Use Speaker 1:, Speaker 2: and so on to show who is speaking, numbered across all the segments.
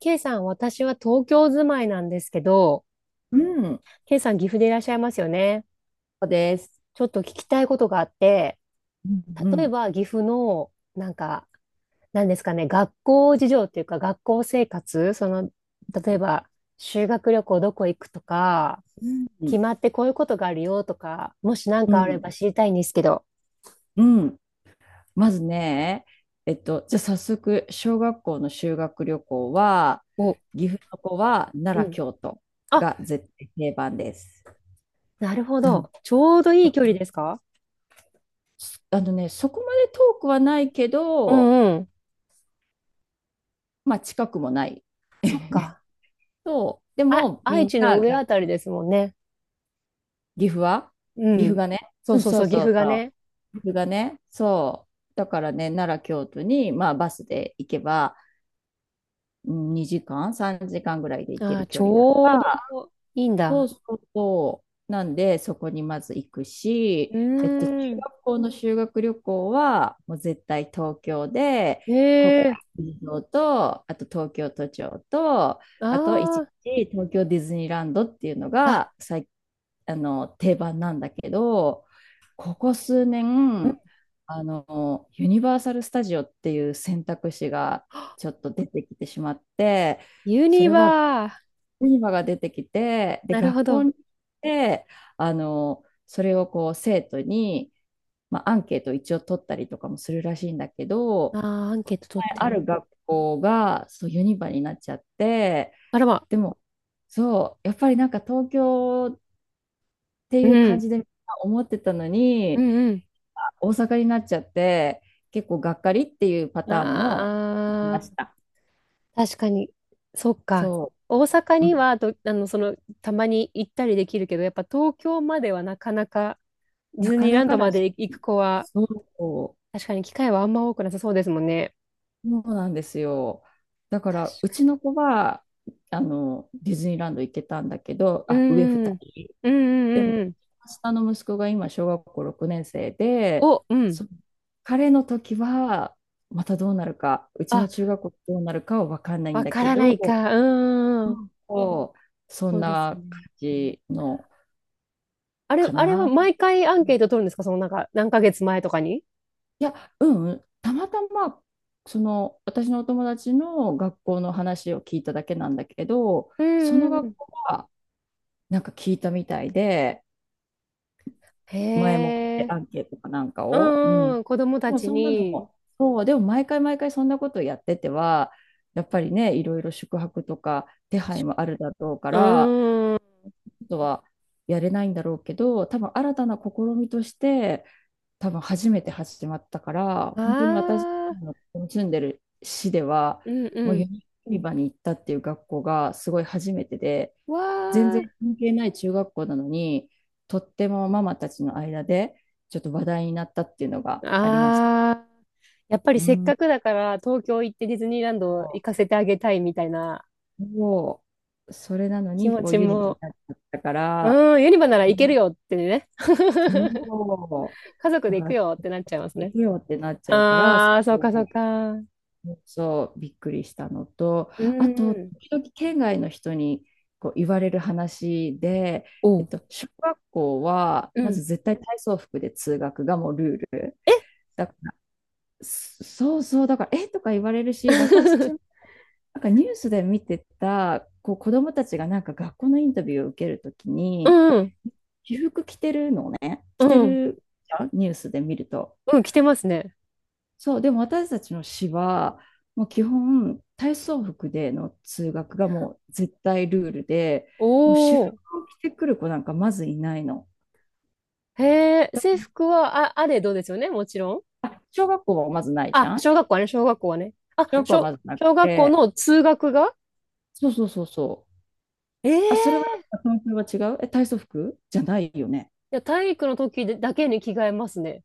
Speaker 1: K さん、私は東京住まいなんですけど、
Speaker 2: うん。
Speaker 1: K さん、岐阜でいらっしゃいますよね。
Speaker 2: そうです。
Speaker 1: ちょっと聞きたいことがあって、
Speaker 2: うん、
Speaker 1: 例え
Speaker 2: う
Speaker 1: ば岐阜の、なんか、なんですかね、学校事情っていうか、学校生活、例えば、修学旅行どこ行くとか、
Speaker 2: ん、う
Speaker 1: 決
Speaker 2: ん、
Speaker 1: まってこういうことがあるよとか、もし何
Speaker 2: う
Speaker 1: かあれ
Speaker 2: ん。
Speaker 1: ば知りたいんですけど。
Speaker 2: うんまずね、じゃあ早速、小学校の修学旅行は、
Speaker 1: お、
Speaker 2: 岐阜の子は奈
Speaker 1: う
Speaker 2: 良、
Speaker 1: ん。
Speaker 2: 京都
Speaker 1: あ、
Speaker 2: が絶対定番です。
Speaker 1: なるほ
Speaker 2: うん。
Speaker 1: ど。ちょうどいい距離ですか？
Speaker 2: そこまで遠くはないけ
Speaker 1: う
Speaker 2: ど、
Speaker 1: んうん。
Speaker 2: まあ近くもない。
Speaker 1: そっ か。
Speaker 2: そう。で
Speaker 1: あ、
Speaker 2: も、み
Speaker 1: 愛
Speaker 2: ん
Speaker 1: 知の
Speaker 2: な
Speaker 1: 上
Speaker 2: が、
Speaker 1: あたりですもんね。
Speaker 2: 岐阜は
Speaker 1: う
Speaker 2: 岐阜
Speaker 1: ん。
Speaker 2: がね、
Speaker 1: そ
Speaker 2: う
Speaker 1: う
Speaker 2: ん、
Speaker 1: そう
Speaker 2: そ
Speaker 1: そ
Speaker 2: う
Speaker 1: う、岐
Speaker 2: そ
Speaker 1: 阜
Speaker 2: う
Speaker 1: が
Speaker 2: そ
Speaker 1: ね。
Speaker 2: う。岐阜がね、そう。だからね、奈良、京都に、まあバスで行けば、うん2時間、3時間ぐらいで行け
Speaker 1: ああ、
Speaker 2: る
Speaker 1: ち
Speaker 2: 距離だ
Speaker 1: ょ
Speaker 2: か
Speaker 1: うど
Speaker 2: ら、
Speaker 1: いいん
Speaker 2: そう
Speaker 1: だ。
Speaker 2: そうそう、なんでそこにまず行くし、
Speaker 1: う
Speaker 2: 中
Speaker 1: ーん。
Speaker 2: 学校の修学旅行は、もう絶対東京で、
Speaker 1: へ
Speaker 2: 国会
Speaker 1: え。
Speaker 2: 議事堂と、あと東京都庁と、あと一
Speaker 1: あ
Speaker 2: 日東京ディズニーランドっていうの
Speaker 1: あ。
Speaker 2: が
Speaker 1: あ、
Speaker 2: 定番なんだけど、ここ数
Speaker 1: うん。
Speaker 2: 年、ユニバーサル・スタジオっていう選択肢がちょっと出てきてしまって、
Speaker 1: ユ
Speaker 2: そ
Speaker 1: ニ
Speaker 2: れは
Speaker 1: バー。
Speaker 2: ユニバが出てきて、で、
Speaker 1: なるほ
Speaker 2: 学
Speaker 1: ど。
Speaker 2: 校
Speaker 1: あ
Speaker 2: に行って、それをこう生徒に、まあ、アンケートを一応取ったりとかもするらしいんだけ
Speaker 1: あ、
Speaker 2: ど、
Speaker 1: アンケート取
Speaker 2: 前
Speaker 1: って
Speaker 2: あ
Speaker 1: ね。
Speaker 2: る学校がそうユニバになっちゃって、
Speaker 1: あらま。
Speaker 2: でも、そう、やっぱりなんか東京って
Speaker 1: う
Speaker 2: いう感
Speaker 1: ん。
Speaker 2: じでみんな思ってたの
Speaker 1: う
Speaker 2: に、
Speaker 1: んうん。
Speaker 2: 大阪になっちゃって、結構がっかりっていうパターンもいまし
Speaker 1: あ
Speaker 2: た。
Speaker 1: あ、確かに。そっか。
Speaker 2: そ
Speaker 1: 大阪
Speaker 2: う、う
Speaker 1: に
Speaker 2: ん、
Speaker 1: はどあの、その、たまに行ったりできるけど、やっぱ東京まではなかなか、ディ
Speaker 2: な
Speaker 1: ズ
Speaker 2: か
Speaker 1: ニー
Speaker 2: な
Speaker 1: ラン
Speaker 2: か
Speaker 1: ド
Speaker 2: だ
Speaker 1: ま
Speaker 2: し、
Speaker 1: で行く子は、
Speaker 2: そう。
Speaker 1: 確かに機会はあんま多くなさそうですもんね。
Speaker 2: そうなんですよ。だから、うちの子は、ディズニーランド行ってたんだけど、
Speaker 1: う
Speaker 2: あ、上
Speaker 1: ん
Speaker 2: 二
Speaker 1: うん。
Speaker 2: 人。
Speaker 1: うんう
Speaker 2: で
Speaker 1: んうんう
Speaker 2: も、
Speaker 1: ん。
Speaker 2: 下の息子が今、小学校6年生で、
Speaker 1: お、うん。
Speaker 2: そ彼の時は、またどうなるか、うち
Speaker 1: あ、
Speaker 2: の中学校どうなるかは分かんないん
Speaker 1: わ
Speaker 2: だ
Speaker 1: か
Speaker 2: け
Speaker 1: らな
Speaker 2: ど、
Speaker 1: いか。うん
Speaker 2: う
Speaker 1: うん。
Speaker 2: んこうそ
Speaker 1: そ
Speaker 2: ん
Speaker 1: うです
Speaker 2: な感
Speaker 1: ね。
Speaker 2: じの
Speaker 1: あれ、
Speaker 2: か
Speaker 1: あれは
Speaker 2: な。
Speaker 1: 毎回アンケート取るんですか？そのなんか、何ヶ月前とかに。
Speaker 2: いや、うん、たまたま、その、私のお友達の学校の話を聞いただけなんだけど、
Speaker 1: う
Speaker 2: そ
Speaker 1: ん
Speaker 2: の
Speaker 1: うんう
Speaker 2: 学
Speaker 1: ん。
Speaker 2: 校はなんか聞いたみたいで、前もっ
Speaker 1: へ
Speaker 2: て
Speaker 1: え。
Speaker 2: アンケートかなんか
Speaker 1: う
Speaker 2: を。う
Speaker 1: ん
Speaker 2: ん。
Speaker 1: うん。子供たちに。
Speaker 2: もうそう、でも毎回毎回そんなことやってては、やっぱりね、いろいろ宿泊とか手
Speaker 1: 確
Speaker 2: 配
Speaker 1: か
Speaker 2: もあるだろうか
Speaker 1: う
Speaker 2: ら、あ
Speaker 1: ん。あ
Speaker 2: とはやれないんだろうけど、多分新たな試みとして、多分初めて始まったから、本当に私
Speaker 1: あ。
Speaker 2: の住んでる市では、
Speaker 1: うんう
Speaker 2: もうユ
Speaker 1: ん。
Speaker 2: ニバに行ったっていう学校がすごい初めてで、全
Speaker 1: わ
Speaker 2: 然関係ない中学校なのに、とってもママたちの間でちょっと話題になったっていうのがありました。
Speaker 1: あ。ああ。やっぱり
Speaker 2: う
Speaker 1: せっか
Speaker 2: ん。
Speaker 1: くだから東京行ってディズニーランド
Speaker 2: そ
Speaker 1: 行かせてあげたいみたいな
Speaker 2: うそう、それなの
Speaker 1: 気
Speaker 2: に
Speaker 1: 持
Speaker 2: こう
Speaker 1: ち
Speaker 2: ユニバに
Speaker 1: も。
Speaker 2: なっちゃったから、
Speaker 1: うん。ユニバなら
Speaker 2: う
Speaker 1: 行ける
Speaker 2: ん
Speaker 1: よってね。
Speaker 2: そ
Speaker 1: 家
Speaker 2: う、
Speaker 1: 族
Speaker 2: だ
Speaker 1: で
Speaker 2: か
Speaker 1: 行く
Speaker 2: ら
Speaker 1: よってなっちゃいます
Speaker 2: 行
Speaker 1: ね。
Speaker 2: くよってなっちゃうから、そ
Speaker 1: ああ、そ
Speaker 2: う
Speaker 1: うかそうか。うん
Speaker 2: そう、びっくりしたのと、
Speaker 1: う
Speaker 2: あと、
Speaker 1: ん。
Speaker 2: 時々県外の人にこう言われる話で、
Speaker 1: おう。
Speaker 2: 小学校は
Speaker 1: う
Speaker 2: ま
Speaker 1: ん。
Speaker 2: ず絶対体操服で通学がもうルール。
Speaker 1: え。
Speaker 2: だかそうそう、だから、えとか言われるし、私、なん かニュースで見てた、こう子供たちがなんか学校のインタビューを受けるとき
Speaker 1: う
Speaker 2: に、
Speaker 1: ん
Speaker 2: 私服着てるのね、
Speaker 1: う
Speaker 2: 着て
Speaker 1: んうん。
Speaker 2: るじゃんニュースで見ると。
Speaker 1: うん、着てますね。
Speaker 2: そう、でも私たちの市は、もう基本、体操服での通学がもう絶対ルールで、
Speaker 1: お
Speaker 2: もう私服
Speaker 1: お。
Speaker 2: を着てくる子なんかまずいないの。
Speaker 1: へえ、制服は、あ、あれどうですよね、もちろん。
Speaker 2: あ、小学校はまずないじ
Speaker 1: あ、
Speaker 2: ゃん
Speaker 1: 小学校はね、小学校はね。
Speaker 2: 小学校はまずなく
Speaker 1: 小学校
Speaker 2: て、
Speaker 1: の通学が。
Speaker 2: そうそうそうそう。
Speaker 1: え
Speaker 2: あ、それは
Speaker 1: えー。
Speaker 2: 東京は違うえ、体操服じゃないよね。
Speaker 1: いや、体育の時だけに着替えますね。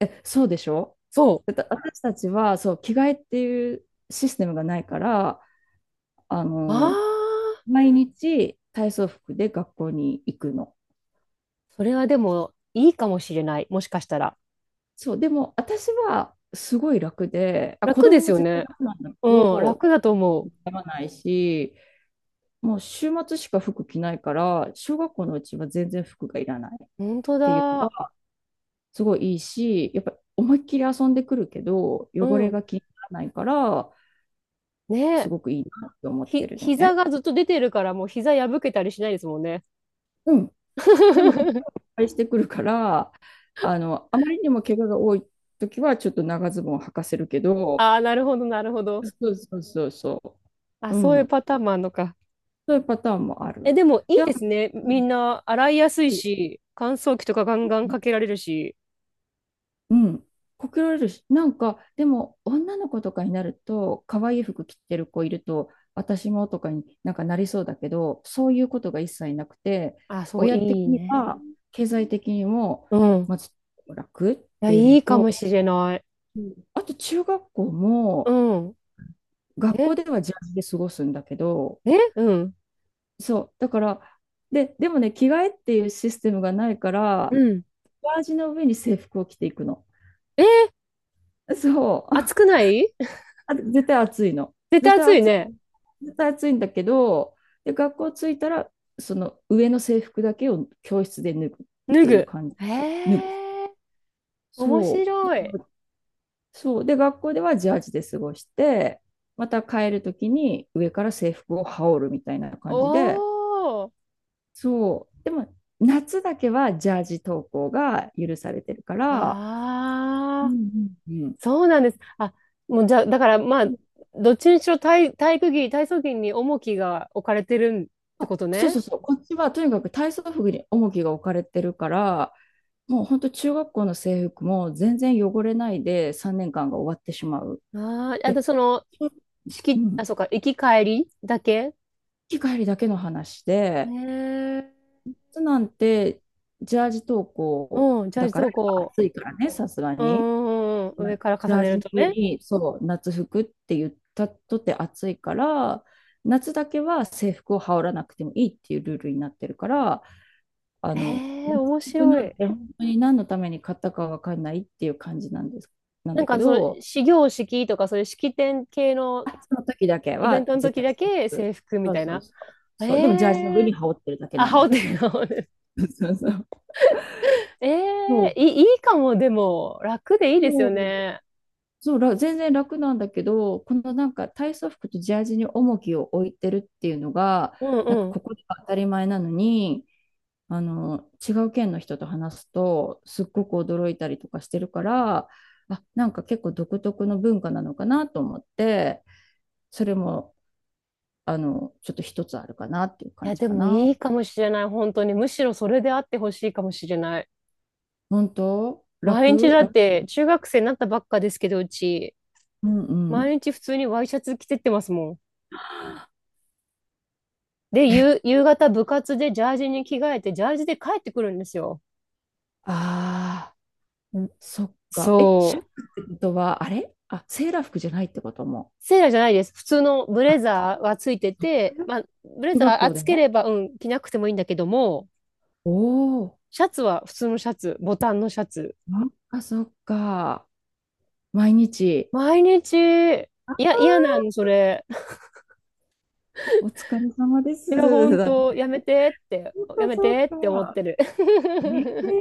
Speaker 2: え、そうでしょ
Speaker 1: そ
Speaker 2: だって私たちは、そう、着替えっていうシステムがないから、あ
Speaker 1: う。
Speaker 2: の、
Speaker 1: ああ、
Speaker 2: 毎日体操服で学校に行くの。
Speaker 1: それはでもいいかもしれない。もしかしたら。
Speaker 2: そう、でも私はすごい楽で、あ、子
Speaker 1: 楽で
Speaker 2: 供
Speaker 1: す
Speaker 2: も
Speaker 1: よ
Speaker 2: 絶対
Speaker 1: ね。
Speaker 2: 楽なんだけ
Speaker 1: うん、
Speaker 2: ど、
Speaker 1: 楽だと思う。
Speaker 2: 痛まないし、もう週末しか服着ないから、小学校のうちは全然服がいらないっ
Speaker 1: 本当
Speaker 2: ていうの
Speaker 1: だ。
Speaker 2: が、すごいいいし、やっぱ思いっきり遊んでくるけど、
Speaker 1: う
Speaker 2: 汚れ
Speaker 1: ん。
Speaker 2: が気にならないから、
Speaker 1: ね
Speaker 2: す
Speaker 1: え。
Speaker 2: ごくいいなって思ってるのね。
Speaker 1: 膝がずっと出てるから、もう膝破けたりしないですもんね。
Speaker 2: うん。でも、結構 いっぱいしてくるから、あまりにも怪我が多い時は、ちょっと長ズボンを履かせるけど、
Speaker 1: ああ、なるほど、なるほど。
Speaker 2: そうそうそうそ
Speaker 1: あ、
Speaker 2: う。う
Speaker 1: そういう
Speaker 2: ん。
Speaker 1: パターンもあるのか。
Speaker 2: そういうパターンもあ
Speaker 1: え、
Speaker 2: る。
Speaker 1: でもい
Speaker 2: で、
Speaker 1: い
Speaker 2: あ
Speaker 1: で
Speaker 2: と
Speaker 1: すね。
Speaker 2: う
Speaker 1: みんな洗いやすいし、乾燥機とかガンガンかけ
Speaker 2: ん
Speaker 1: られるし。
Speaker 2: うん、こけられるし、なんか、でも、女の子とかになると、可愛い服着てる子いると、私もとかになんかなりそうだけど、そういうことが一切なくて、
Speaker 1: あ、そう、い
Speaker 2: 親的
Speaker 1: い
Speaker 2: に
Speaker 1: ね。
Speaker 2: は、経済的にも、
Speaker 1: うん。
Speaker 2: ま
Speaker 1: い
Speaker 2: ず楽っ
Speaker 1: や、
Speaker 2: ていう
Speaker 1: い
Speaker 2: の
Speaker 1: いかもし
Speaker 2: と、
Speaker 1: れない。
Speaker 2: あと中学校
Speaker 1: う
Speaker 2: も、
Speaker 1: ん。
Speaker 2: 学校
Speaker 1: え、
Speaker 2: ではジャージで過ごすんだけど、
Speaker 1: え、うん。
Speaker 2: そう、だから、でもね、着替えっていうシステムがないか
Speaker 1: う
Speaker 2: ら、
Speaker 1: ん。
Speaker 2: ジャージの上に制服を着ていくの。
Speaker 1: えー、
Speaker 2: そう。
Speaker 1: 暑くない？
Speaker 2: あ絶対暑いの。
Speaker 1: 絶
Speaker 2: 絶
Speaker 1: 対
Speaker 2: 対
Speaker 1: 暑い
Speaker 2: 暑い。
Speaker 1: ね。
Speaker 2: 絶対暑いんだけど、で、学校着いたら、その上の制服だけを教室で脱ぐっ
Speaker 1: 脱
Speaker 2: ていう
Speaker 1: ぐ。
Speaker 2: 感じ。
Speaker 1: へ
Speaker 2: 脱ぐ。
Speaker 1: え。面
Speaker 2: そ
Speaker 1: 白
Speaker 2: う。
Speaker 1: い。
Speaker 2: そう。で、学校ではジャージで過ごして、また帰るときに上から制服を羽織るみたいな
Speaker 1: お
Speaker 2: 感じで、
Speaker 1: ー。
Speaker 2: そう。でも、夏だけはジャージ登校が許されてるから、
Speaker 1: あ
Speaker 2: う
Speaker 1: あ。
Speaker 2: んうんう
Speaker 1: そうなんです。あ、もうじゃあ、だからまあ、
Speaker 2: ん。
Speaker 1: どっちにしろ体育着、体操着に重きが置かれてるって
Speaker 2: あ、
Speaker 1: こと
Speaker 2: そう
Speaker 1: ね。
Speaker 2: そうそう。こっちはとにかく体操服に重きが置かれてるから、もう本当中学校の制服も全然汚れないで3年間が終わってしまう。
Speaker 1: ああ、あと
Speaker 2: で、
Speaker 1: その、
Speaker 2: うん、
Speaker 1: あ、そうか、行き帰りだけ
Speaker 2: 行き帰りだけの話
Speaker 1: ね。
Speaker 2: で、
Speaker 1: え。
Speaker 2: 夏なんてジャージ登校
Speaker 1: うん、じゃ
Speaker 2: だ
Speaker 1: あ、
Speaker 2: か
Speaker 1: そ
Speaker 2: ら
Speaker 1: うこ
Speaker 2: 暑いからね、さすが
Speaker 1: う、う
Speaker 2: に。
Speaker 1: んうんうん、
Speaker 2: まあ
Speaker 1: 上から
Speaker 2: ジ
Speaker 1: 重
Speaker 2: ャー
Speaker 1: ね
Speaker 2: ジ
Speaker 1: る
Speaker 2: の
Speaker 1: と
Speaker 2: 上
Speaker 1: ね。
Speaker 2: にそう夏服って言ったとて暑いから、夏だけは制服を羽織らなくてもいいっていうルールになってるから、
Speaker 1: ええ、
Speaker 2: 夏
Speaker 1: 面
Speaker 2: 服な
Speaker 1: 白
Speaker 2: ん
Speaker 1: い。
Speaker 2: て本当に何のために買ったかわかんないっていう感じなんです、なん
Speaker 1: なん
Speaker 2: だけ
Speaker 1: かその、
Speaker 2: ど、
Speaker 1: 始業式とか、そういう式典系の
Speaker 2: あ、その時だけ
Speaker 1: イベン
Speaker 2: は
Speaker 1: トの
Speaker 2: 絶
Speaker 1: 時
Speaker 2: 対
Speaker 1: だ
Speaker 2: 制
Speaker 1: け
Speaker 2: 服。
Speaker 1: 制服み
Speaker 2: そう
Speaker 1: たい
Speaker 2: そう
Speaker 1: な。
Speaker 2: そう。
Speaker 1: え
Speaker 2: そう、でもジャージの上に
Speaker 1: え、
Speaker 2: 羽織ってるだけ
Speaker 1: あ、
Speaker 2: なん
Speaker 1: 羽
Speaker 2: だ
Speaker 1: 織
Speaker 2: け
Speaker 1: っ
Speaker 2: ど
Speaker 1: て
Speaker 2: ね。
Speaker 1: る、
Speaker 2: そうそう。
Speaker 1: え
Speaker 2: そ
Speaker 1: え
Speaker 2: う、
Speaker 1: ーいい、いいかも、でも、楽でいいです
Speaker 2: そ
Speaker 1: よ
Speaker 2: う
Speaker 1: ね。
Speaker 2: そうら全然楽なんだけど、このなんか体操服とジャージに重きを置いてるっていうのが、
Speaker 1: うん
Speaker 2: なんか
Speaker 1: うん。
Speaker 2: ここでは当たり前なのに、違う県の人と話すと、すっごく驚いたりとかしてるから、あ、なんか結構独特の文化なのかなと思って、それも、ちょっと一つあるかなっていう
Speaker 1: い
Speaker 2: 感
Speaker 1: や、
Speaker 2: じ
Speaker 1: で
Speaker 2: か
Speaker 1: も
Speaker 2: な。
Speaker 1: いいかもしれない、本当に。むしろそれであってほしいかもしれない。
Speaker 2: 本当
Speaker 1: 毎日
Speaker 2: 楽
Speaker 1: だっ
Speaker 2: 楽
Speaker 1: て、中学生になったばっかですけど、うち、
Speaker 2: うんう
Speaker 1: 毎
Speaker 2: ん。
Speaker 1: 日普通にワイシャツ着てってますもん。で、
Speaker 2: え、
Speaker 1: 夕方部活でジャージに着替えて、ジャージで帰ってくるんですよ。
Speaker 2: ああ、
Speaker 1: ん。
Speaker 2: そっか。え、
Speaker 1: そ
Speaker 2: シャツ
Speaker 1: う。
Speaker 2: ってことは、あ、セーラー服じゃないってことも。
Speaker 1: セーラーじゃないです。普通のブ
Speaker 2: あ、
Speaker 1: レ
Speaker 2: そ
Speaker 1: ザーはついてて、
Speaker 2: ういう
Speaker 1: まあ、ブレ
Speaker 2: 中
Speaker 1: ザ
Speaker 2: 学
Speaker 1: ー
Speaker 2: 校で
Speaker 1: 暑け
Speaker 2: ね。
Speaker 1: れば、うん、着なくてもいいんだけども、
Speaker 2: おお、
Speaker 1: シャツは普通のシャツ、ボタンのシャツ。
Speaker 2: なんかそっか。毎日。
Speaker 1: 毎日、い
Speaker 2: あ
Speaker 1: や、嫌なんそれ。
Speaker 2: お疲れ様で
Speaker 1: いや、ほ
Speaker 2: す。
Speaker 1: ん
Speaker 2: だね
Speaker 1: と、やめてって、
Speaker 2: そっ
Speaker 1: や
Speaker 2: か
Speaker 1: め
Speaker 2: そっ
Speaker 1: てって思っ
Speaker 2: か。
Speaker 1: てる。
Speaker 2: えー、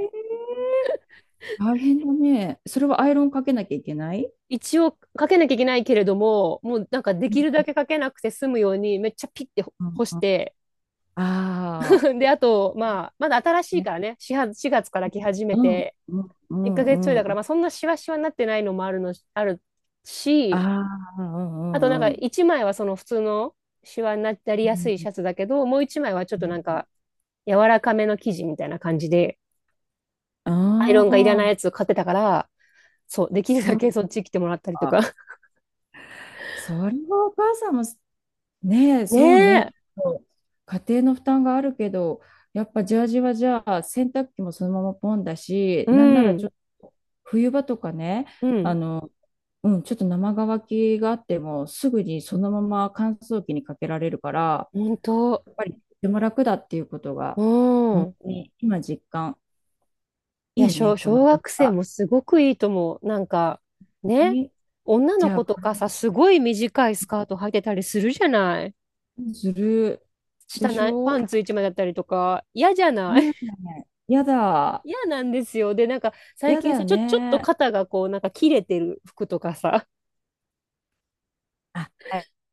Speaker 2: 大変だね。それはアイロンかけなきゃいけない
Speaker 1: 一応、かけなきゃいけないけれども、もうなんかで
Speaker 2: う
Speaker 1: きるだ
Speaker 2: ん
Speaker 1: けかけなくて済むように、めっちゃピッて
Speaker 2: うん
Speaker 1: 干し
Speaker 2: うん。
Speaker 1: て、
Speaker 2: ああ、
Speaker 1: で、あと、まあ、まだ新しいか
Speaker 2: ね。
Speaker 1: らね、4月、4月から来始
Speaker 2: う
Speaker 1: め
Speaker 2: ん
Speaker 1: て、
Speaker 2: うんう
Speaker 1: 1ヶ月ちょい
Speaker 2: ん
Speaker 1: だか
Speaker 2: う
Speaker 1: ら、ま
Speaker 2: ん。
Speaker 1: あ、そんなシワシワになってないのもあるの、ある
Speaker 2: あ
Speaker 1: し、
Speaker 2: あ、う
Speaker 1: あとなん
Speaker 2: ん
Speaker 1: か、
Speaker 2: うん
Speaker 1: 1枚はその普通のシワになり
Speaker 2: う
Speaker 1: やす
Speaker 2: ん
Speaker 1: いシャツだけど、もう1枚はちょっとなんか、柔らかめの生地みたいな感じで、アイロンがいら
Speaker 2: ああ
Speaker 1: ない
Speaker 2: ー、
Speaker 1: やつを買ってたから、そう、できる
Speaker 2: そ
Speaker 1: だけ
Speaker 2: う
Speaker 1: そっち来てもらったりとか。
Speaker 2: か。それはお母さんも、ねえ、
Speaker 1: ね
Speaker 2: そうね。ち
Speaker 1: え。
Speaker 2: ょっと家庭の負担があるけど、やっぱジャージはじゃあ、洗濯機もそのままポンだし、
Speaker 1: う
Speaker 2: なんならちょ
Speaker 1: ん。
Speaker 2: っと冬場とかね、
Speaker 1: う
Speaker 2: あ
Speaker 1: ん。
Speaker 2: の、うん、ちょっと生乾きがあっても、すぐにそのまま乾燥機にかけられるから、
Speaker 1: 本当。
Speaker 2: やっぱりとても楽だっていうことが、
Speaker 1: う
Speaker 2: 本
Speaker 1: ん。
Speaker 2: 当に今実感。
Speaker 1: いや、
Speaker 2: いいね、この
Speaker 1: 小
Speaker 2: 文
Speaker 1: 学生
Speaker 2: 化。
Speaker 1: もすごくいいと思う。なんか、ね。
Speaker 2: ね
Speaker 1: 女
Speaker 2: じ
Speaker 1: の
Speaker 2: ゃあ、
Speaker 1: 子
Speaker 2: こ
Speaker 1: とか
Speaker 2: れ
Speaker 1: さ、すごい短いスカート履いてたりするじゃない。
Speaker 2: ずるで
Speaker 1: 下
Speaker 2: し
Speaker 1: ない、パン
Speaker 2: ょ
Speaker 1: ツ一枚だったりとか、嫌じゃない？
Speaker 2: ね え。やだ。
Speaker 1: 嫌なんですよ。で、なんか、最
Speaker 2: やだ
Speaker 1: 近
Speaker 2: よ
Speaker 1: さ、ちょっと
Speaker 2: ね。
Speaker 1: 肩がこう、なんか切れてる服とかさ。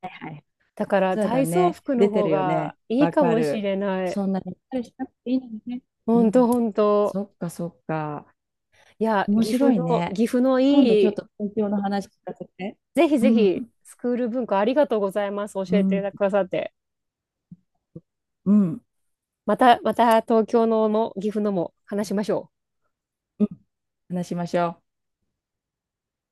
Speaker 2: はいはい。
Speaker 1: だから、
Speaker 2: そうだ
Speaker 1: 体操
Speaker 2: ね。
Speaker 1: 服の
Speaker 2: 出て
Speaker 1: 方
Speaker 2: るよ
Speaker 1: が
Speaker 2: ね。
Speaker 1: いい
Speaker 2: わ
Speaker 1: か
Speaker 2: か
Speaker 1: もし
Speaker 2: る。
Speaker 1: れない。
Speaker 2: そんなにったりしなくていいのにね。う
Speaker 1: 本
Speaker 2: ん。
Speaker 1: 当本当。
Speaker 2: そっかそっか。
Speaker 1: いや、
Speaker 2: 面
Speaker 1: 岐
Speaker 2: 白
Speaker 1: 阜
Speaker 2: い
Speaker 1: の、
Speaker 2: ね。
Speaker 1: 岐阜の
Speaker 2: 今度ちょ
Speaker 1: い
Speaker 2: っ
Speaker 1: い、
Speaker 2: と東京の話聞かせて。
Speaker 1: ぜひ
Speaker 2: う
Speaker 1: ぜひ、
Speaker 2: ん。
Speaker 1: スクール文化ありがとうございます。教
Speaker 2: う
Speaker 1: え
Speaker 2: ん。
Speaker 1: てくださって。
Speaker 2: うん。
Speaker 1: また、また東京のも岐阜のも話しましょう。
Speaker 2: うん。話しましょう。